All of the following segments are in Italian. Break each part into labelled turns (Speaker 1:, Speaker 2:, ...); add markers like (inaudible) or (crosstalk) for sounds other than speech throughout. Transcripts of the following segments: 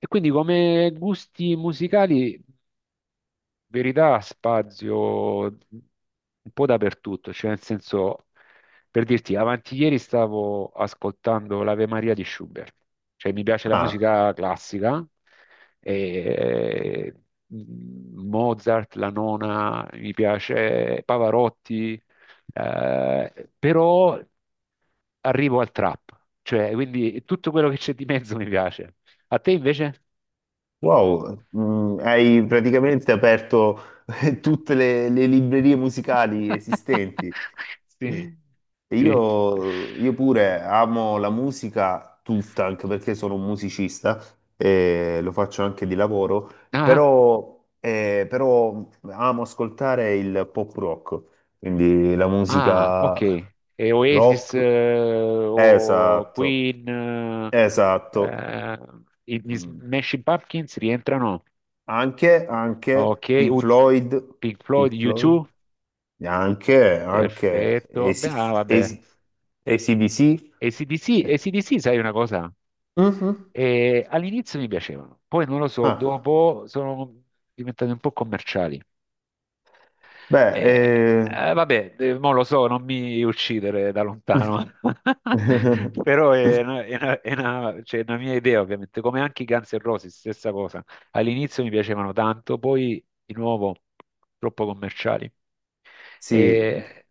Speaker 1: E quindi come gusti musicali, in verità, spazio un po' dappertutto, cioè nel senso, per dirti, avanti ieri stavo ascoltando l'Ave Maria di Schubert, cioè mi piace la
Speaker 2: Ah,
Speaker 1: musica classica, e, Mozart, la 9ª, mi piace Pavarotti, però arrivo al trap, cioè quindi tutto quello che c'è di mezzo mi piace. A te invece?
Speaker 2: wow. Hai praticamente aperto (laughs) tutte le librerie musicali esistenti.
Speaker 1: Sì,
Speaker 2: E
Speaker 1: sì.
Speaker 2: Io, io pure amo la musica tutta, anche perché sono un musicista e lo faccio anche di lavoro,
Speaker 1: Ah,
Speaker 2: però amo ascoltare il pop rock, quindi la
Speaker 1: ah, ok.
Speaker 2: musica
Speaker 1: E Oasis,
Speaker 2: rock.
Speaker 1: o
Speaker 2: Esatto,
Speaker 1: Queen,
Speaker 2: esatto.
Speaker 1: eh, gli
Speaker 2: Mm,
Speaker 1: Smashing Pumpkins rientrano.
Speaker 2: anche
Speaker 1: Ok,
Speaker 2: Pink Floyd,
Speaker 1: Pink Floyd,
Speaker 2: Pink Floyd,
Speaker 1: U2,
Speaker 2: anche
Speaker 1: perfetto. Beh,
Speaker 2: AC,
Speaker 1: ah, vabbè.
Speaker 2: AC, AC/DC.
Speaker 1: AC/DC,
Speaker 2: Eh,
Speaker 1: AC/DC, sai una cosa?
Speaker 2: mhm.
Speaker 1: All'inizio mi piacevano, poi non lo so,
Speaker 2: Ah,
Speaker 1: dopo sono diventate un po' commerciali.
Speaker 2: beh,
Speaker 1: Eh, Vabbè, mo lo so, non mi uccidere da lontano, (laughs)
Speaker 2: (laughs)
Speaker 1: però è una, cioè, è una mia idea, ovviamente, come anche i Guns N' Roses, stessa cosa. All'inizio mi piacevano tanto, poi di nuovo troppo commerciali.
Speaker 2: sì,
Speaker 1: E,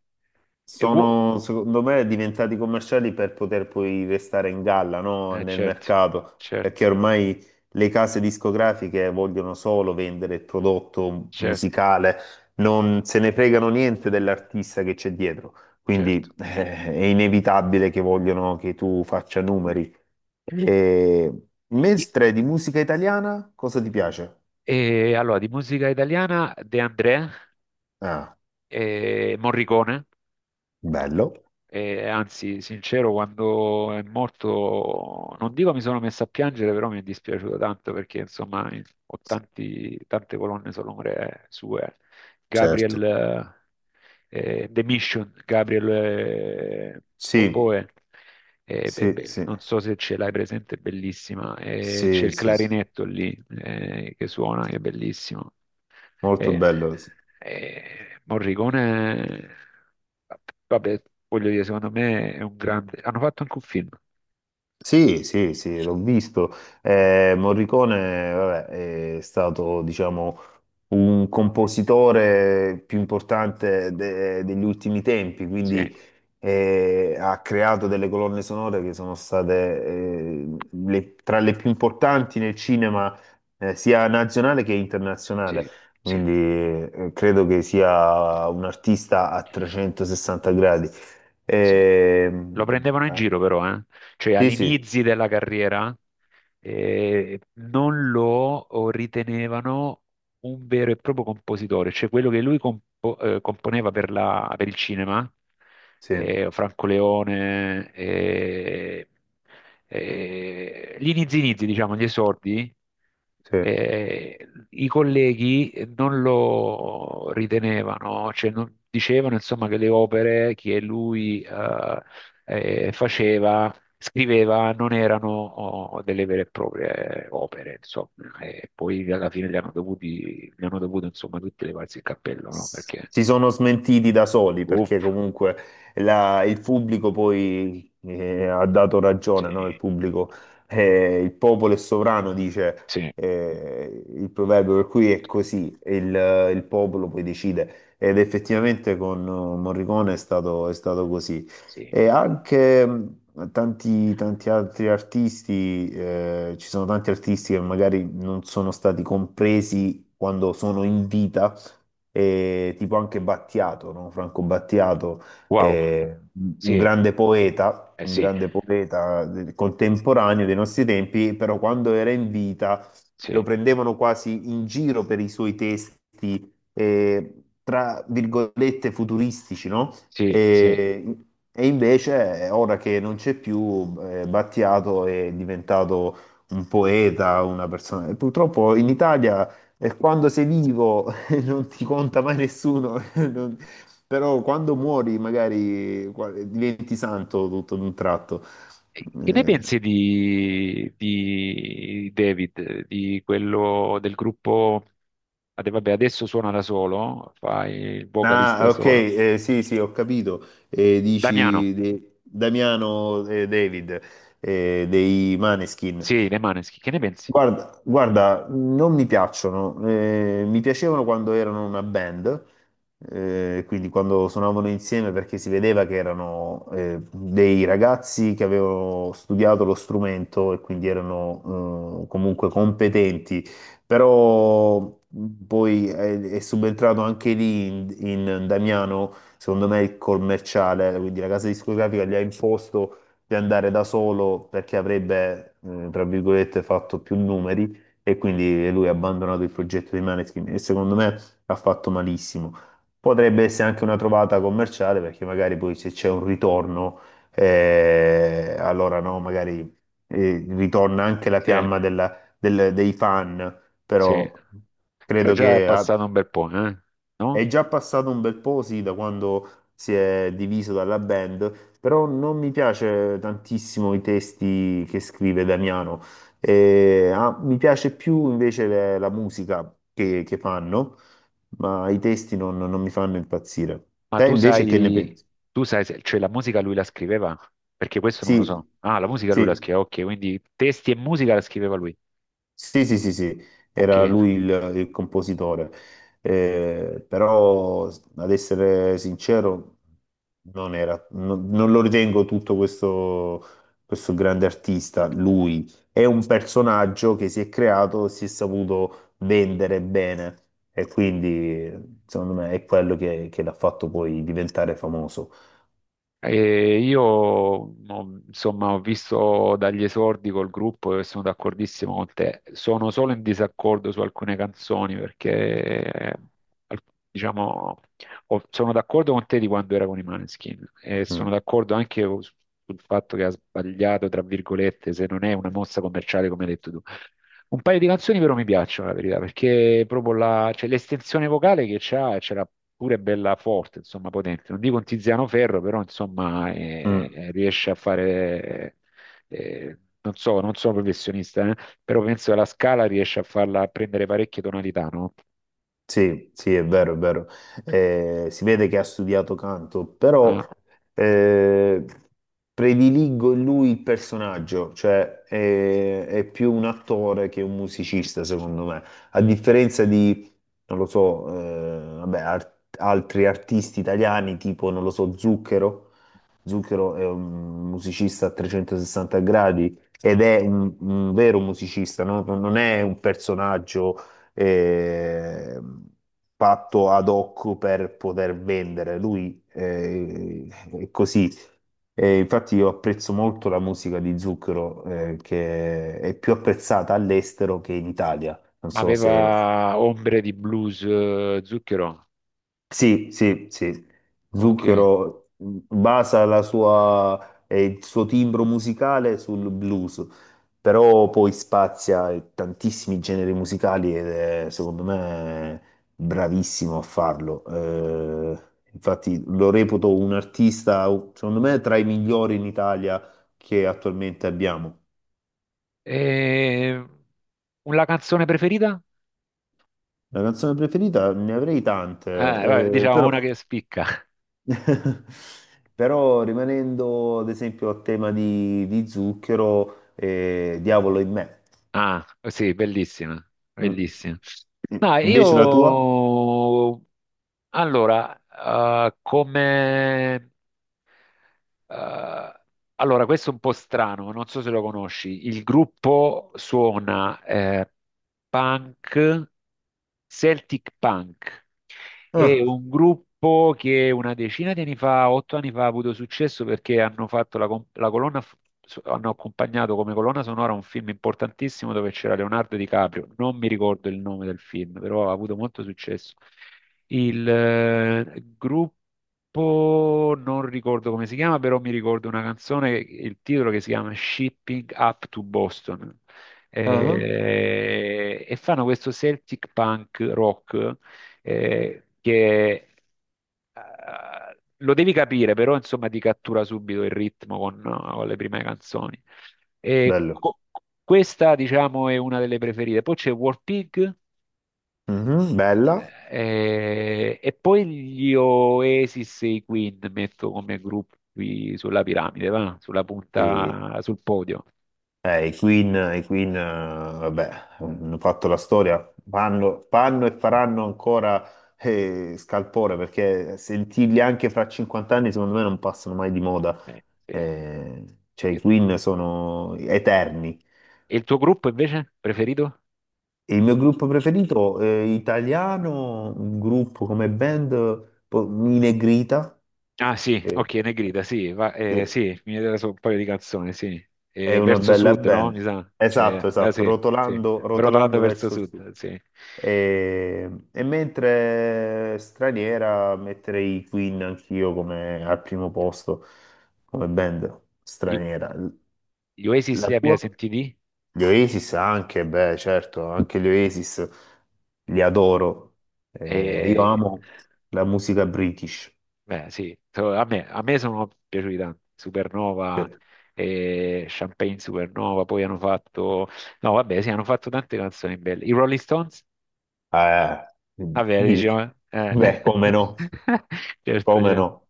Speaker 1: e wo-
Speaker 2: sono secondo me diventati commerciali per poter poi restare in galla, no? Nel
Speaker 1: certo,
Speaker 2: mercato, perché
Speaker 1: certo,
Speaker 2: ormai le case discografiche vogliono solo vendere il prodotto
Speaker 1: certo,
Speaker 2: musicale, non se ne fregano niente dell'artista che c'è dietro.
Speaker 1: certo.
Speaker 2: Quindi è inevitabile che vogliono che tu faccia numeri. E
Speaker 1: I-
Speaker 2: mentre di musica italiana, cosa ti piace?
Speaker 1: E, allora, di musica italiana De André,
Speaker 2: Ah,
Speaker 1: Morricone.
Speaker 2: bello.
Speaker 1: E anzi, sincero, quando è morto, non dico mi sono messo a piangere, però mi è dispiaciuto tanto perché insomma tante colonne sonore sue.
Speaker 2: Certo.
Speaker 1: Gabriel, The Mission, Gabriel,
Speaker 2: Sì,
Speaker 1: Oboe, beh,
Speaker 2: sì,
Speaker 1: beh,
Speaker 2: sì,
Speaker 1: non so se ce l'hai presente, è bellissima. C'è
Speaker 2: sì,
Speaker 1: il
Speaker 2: sì, sì.
Speaker 1: clarinetto lì, che suona, che è bellissimo.
Speaker 2: Molto
Speaker 1: Eh,
Speaker 2: bello. Sì.
Speaker 1: eh, Morricone, vabbè, voglio dire, secondo me è un grande... Hanno fatto anche un film.
Speaker 2: Sì, sì, sì, l'ho visto. Morricone, vabbè, è stato, diciamo, un compositore più importante degli ultimi tempi,
Speaker 1: Sì,
Speaker 2: quindi ha creato delle colonne sonore che sono state tra le più importanti nel cinema, sia nazionale che internazionale.
Speaker 1: sì, sì,
Speaker 2: Quindi credo che sia un artista a 360 gradi.
Speaker 1: sì. Lo
Speaker 2: Ehm,
Speaker 1: prendevano in
Speaker 2: ah,
Speaker 1: giro però, eh. Cioè
Speaker 2: sì, sì.
Speaker 1: all'inizio della carriera, non lo ritenevano un vero e proprio compositore, cioè quello che lui componeva per per il cinema,
Speaker 2: Sì,
Speaker 1: Franco Leone, gli inizi inizi, diciamo, gli esordi,
Speaker 2: sì.
Speaker 1: eh, i colleghi non lo ritenevano, cioè dicevano insomma che le opere che lui, faceva, scriveva, non erano oh, delle vere e proprie opere, insomma, e poi alla fine gli hanno dovuti, gli hanno dovuto, insomma, tutti levarsi il cappello, no? Perché,
Speaker 2: Si sono smentiti da soli
Speaker 1: uff,
Speaker 2: perché comunque il pubblico poi ha dato ragione, no? Il
Speaker 1: sì,
Speaker 2: pubblico, il popolo è sovrano, dice
Speaker 1: sì,
Speaker 2: il proverbio, per cui è così, il popolo poi decide ed effettivamente con Morricone è stato così.
Speaker 1: sì,
Speaker 2: E anche tanti altri artisti, ci sono tanti artisti che magari non sono stati compresi quando sono in vita e tipo anche Battiato, no? Franco Battiato,
Speaker 1: wow,
Speaker 2: eh,
Speaker 1: sì, eh
Speaker 2: un
Speaker 1: sì,
Speaker 2: grande poeta contemporaneo dei nostri tempi, però quando era in vita lo
Speaker 1: sì,
Speaker 2: prendevano quasi in giro per i suoi testi, tra virgolette, futuristici, no?
Speaker 1: sì, sì.
Speaker 2: E, e invece, ora che non c'è più, Battiato è diventato un poeta, una persona. E purtroppo in Italia, quando sei vivo, non ti conta mai nessuno, (laughs) però quando muori magari diventi santo tutto d'un tratto.
Speaker 1: E che ne
Speaker 2: Eh,
Speaker 1: pensi di David, di quello del gruppo, ah, vabbè, adesso suona da solo, fa il vocalista da
Speaker 2: ok,
Speaker 1: solo,
Speaker 2: sì, sì, ho capito.
Speaker 1: Damiano.
Speaker 2: Dici Damiano David dei Maneskin.
Speaker 1: Sì, le Maneskin, che ne pensi?
Speaker 2: Guarda, guarda, non mi piacciono, mi piacevano quando erano una band, quindi quando suonavano insieme perché si vedeva che erano dei ragazzi che avevano studiato lo strumento e quindi erano comunque competenti, però poi è subentrato anche lì in Damiano, secondo me il commerciale, quindi la casa discografica gli ha imposto di andare da solo perché avrebbe, tra virgolette, fatto più numeri e quindi lui ha abbandonato il progetto di Maneskin e secondo me ha fatto malissimo. Potrebbe essere anche una trovata commerciale perché magari poi se c'è un ritorno, allora no, magari ritorna anche la
Speaker 1: Sì,
Speaker 2: fiamma dei fan,
Speaker 1: sì,
Speaker 2: però
Speaker 1: però
Speaker 2: credo
Speaker 1: già è
Speaker 2: che
Speaker 1: passato un bel po', eh?
Speaker 2: è
Speaker 1: No?
Speaker 2: già passato un bel po', sì, da quando si è diviso dalla band, però non mi piace tantissimo i testi che scrive Damiano. Mi piace più invece la musica che fanno, ma i testi non mi fanno impazzire.
Speaker 1: Ma
Speaker 2: Te invece che ne pensi?
Speaker 1: tu sai, cioè la musica lui la scriveva? Perché questo non lo so.
Speaker 2: Sì,
Speaker 1: Ah, la musica lui la
Speaker 2: sì.
Speaker 1: scriveva, ok, quindi testi e musica la scriveva lui,
Speaker 2: Sì, sì, sì, sì, era
Speaker 1: ok.
Speaker 2: lui il compositore. Però ad essere sincero non era, non, non lo ritengo tutto questo grande artista, lui è un personaggio che si è creato, si è saputo vendere bene e quindi secondo me è quello che l'ha fatto poi diventare famoso.
Speaker 1: E insomma ho visto dagli esordi col gruppo e sono d'accordissimo con te. Sono solo in disaccordo su alcune canzoni perché, al- diciamo sono d'accordo con te di quando era con i Maneskin e sono
Speaker 2: Mm,
Speaker 1: d'accordo anche sul fatto che ha sbagliato, tra virgolette, se non è una mossa commerciale come hai detto tu. Un paio di canzoni però mi piacciono, la verità, perché proprio cioè, l'estensione vocale che c'ha, c'era pure bella forte, insomma, potente. Non dico un Tiziano Ferro, però insomma,
Speaker 2: mm.
Speaker 1: riesce a fare, non so, non sono professionista, però penso che la Scala riesce a farla a prendere parecchie tonalità, no?
Speaker 2: Sì, sì, è vero, è vero. Si vede che ha studiato canto, però
Speaker 1: Ah,
Speaker 2: eh, prediligo in lui il personaggio, cioè è più un attore che un musicista, secondo me. A differenza di, non lo so, vabbè, altri artisti italiani, tipo, non lo so, Zucchero. Zucchero è un musicista a 360 gradi ed è un vero musicista, no? Non è un personaggio eh, fatto ad hoc per poter vendere. Lui è così. E infatti io apprezzo molto la musica di Zucchero, che è più apprezzata all'estero che in Italia. Non
Speaker 1: ma
Speaker 2: so se
Speaker 1: aveva ombre di blues, Zucchero,
Speaker 2: sì, sì, sì.
Speaker 1: ok.
Speaker 2: Zucchero basa la sua, il suo timbro musicale sul blues, però poi spazia tantissimi generi musicali ed è, secondo me, bravissimo a farlo. Infatti lo reputo un artista, secondo me, tra i migliori in Italia che attualmente abbiamo.
Speaker 1: E... una canzone preferita?
Speaker 2: La canzone preferita ne avrei
Speaker 1: Vabbè,
Speaker 2: tante,
Speaker 1: diciamo una
Speaker 2: però
Speaker 1: che spicca.
Speaker 2: (laughs) però rimanendo ad esempio a tema di zucchero, diavolo in me.
Speaker 1: Ah, sì, bellissima,
Speaker 2: Mm.
Speaker 1: bellissima. No,
Speaker 2: Invece la tua?
Speaker 1: io allora, come, eh, allora, questo è un po' strano, non so se lo conosci. Il gruppo suona, punk, Celtic punk. È
Speaker 2: Ah,
Speaker 1: un gruppo che una decina di anni fa, 8 anni fa, ha avuto successo perché hanno fatto la, la colonna, hanno accompagnato come colonna sonora un film importantissimo dove c'era Leonardo DiCaprio. Non mi ricordo il nome del film, però ha avuto molto successo. Il, gruppo, non ricordo come si chiama, però mi ricordo una canzone, il titolo che si chiama Shipping Up to Boston.
Speaker 2: ah,
Speaker 1: E fanno questo Celtic punk rock, che lo devi capire, però insomma ti cattura subito il ritmo con le prime canzoni. E
Speaker 2: bello.
Speaker 1: co- questa, diciamo, è una delle preferite. Poi c'è War Pig,
Speaker 2: Mhm, bella.
Speaker 1: e poi gli Oasis e i Queen metto come gruppi sulla piramide, va? Sulla
Speaker 2: E,
Speaker 1: punta, sul podio.
Speaker 2: i Queen, vabbè, hanno fatto la storia, fanno, fanno e faranno ancora scalpore perché sentirli anche fra 50 anni secondo me non passano mai di moda.
Speaker 1: Sì. E
Speaker 2: Eh, cioè
Speaker 1: e
Speaker 2: i Queen sono eterni.
Speaker 1: il tuo gruppo invece preferito?
Speaker 2: Il mio gruppo preferito italiano, un gruppo come band, i Negrita,
Speaker 1: Ah sì,
Speaker 2: che
Speaker 1: ok, Negrita, sì,
Speaker 2: che
Speaker 1: sì, mi vedeva solo un paio di canzoni, sì.
Speaker 2: è una
Speaker 1: Verso
Speaker 2: bella
Speaker 1: sud, no? Mi
Speaker 2: band.
Speaker 1: sa.
Speaker 2: Esatto,
Speaker 1: Cioè,
Speaker 2: esatto,
Speaker 1: sì, sì.
Speaker 2: rotolando,
Speaker 1: Rotolando
Speaker 2: rotolando
Speaker 1: verso
Speaker 2: verso il sud.
Speaker 1: sud, sì.
Speaker 2: E mentre straniera metterei i Queen anch'io come al primo posto come band
Speaker 1: Gli
Speaker 2: straniera.
Speaker 1: gli Oasis
Speaker 2: La
Speaker 1: li abbiamo
Speaker 2: tua?
Speaker 1: sentiti?
Speaker 2: Gli Oasis anche, beh, certo, anche gli Oasis li adoro. Io
Speaker 1: Eh,
Speaker 2: amo la musica british.
Speaker 1: beh, sì, a me sono piaciuti tanto. Supernova, Champagne Supernova, poi hanno fatto... No, vabbè, sì, hanno fatto tante canzoni belle. I Rolling Stones?
Speaker 2: Eh,
Speaker 1: Vabbè,
Speaker 2: sì.
Speaker 1: diciamo....
Speaker 2: Beh, come no,
Speaker 1: (laughs) Certo,
Speaker 2: come
Speaker 1: certo.
Speaker 2: no.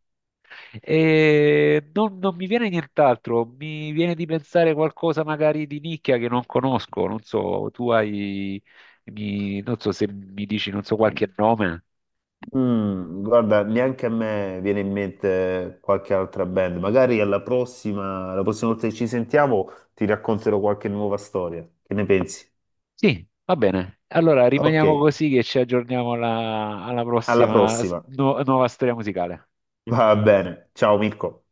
Speaker 1: E non, non mi viene nient'altro, mi viene di pensare qualcosa magari di nicchia che non conosco, non so, tu hai, mi- non so se mi dici, non so, qualche nome.
Speaker 2: Guarda, neanche a me viene in mente qualche altra band. Magari alla prossima, la prossima volta che ci sentiamo ti racconterò qualche nuova storia. Che ne pensi?
Speaker 1: Sì, va bene. Allora
Speaker 2: Ok,
Speaker 1: rimaniamo così che ci aggiorniamo alla, alla
Speaker 2: alla
Speaker 1: prossima
Speaker 2: prossima.
Speaker 1: nuova storia musicale.
Speaker 2: Va bene. Ciao Mirko.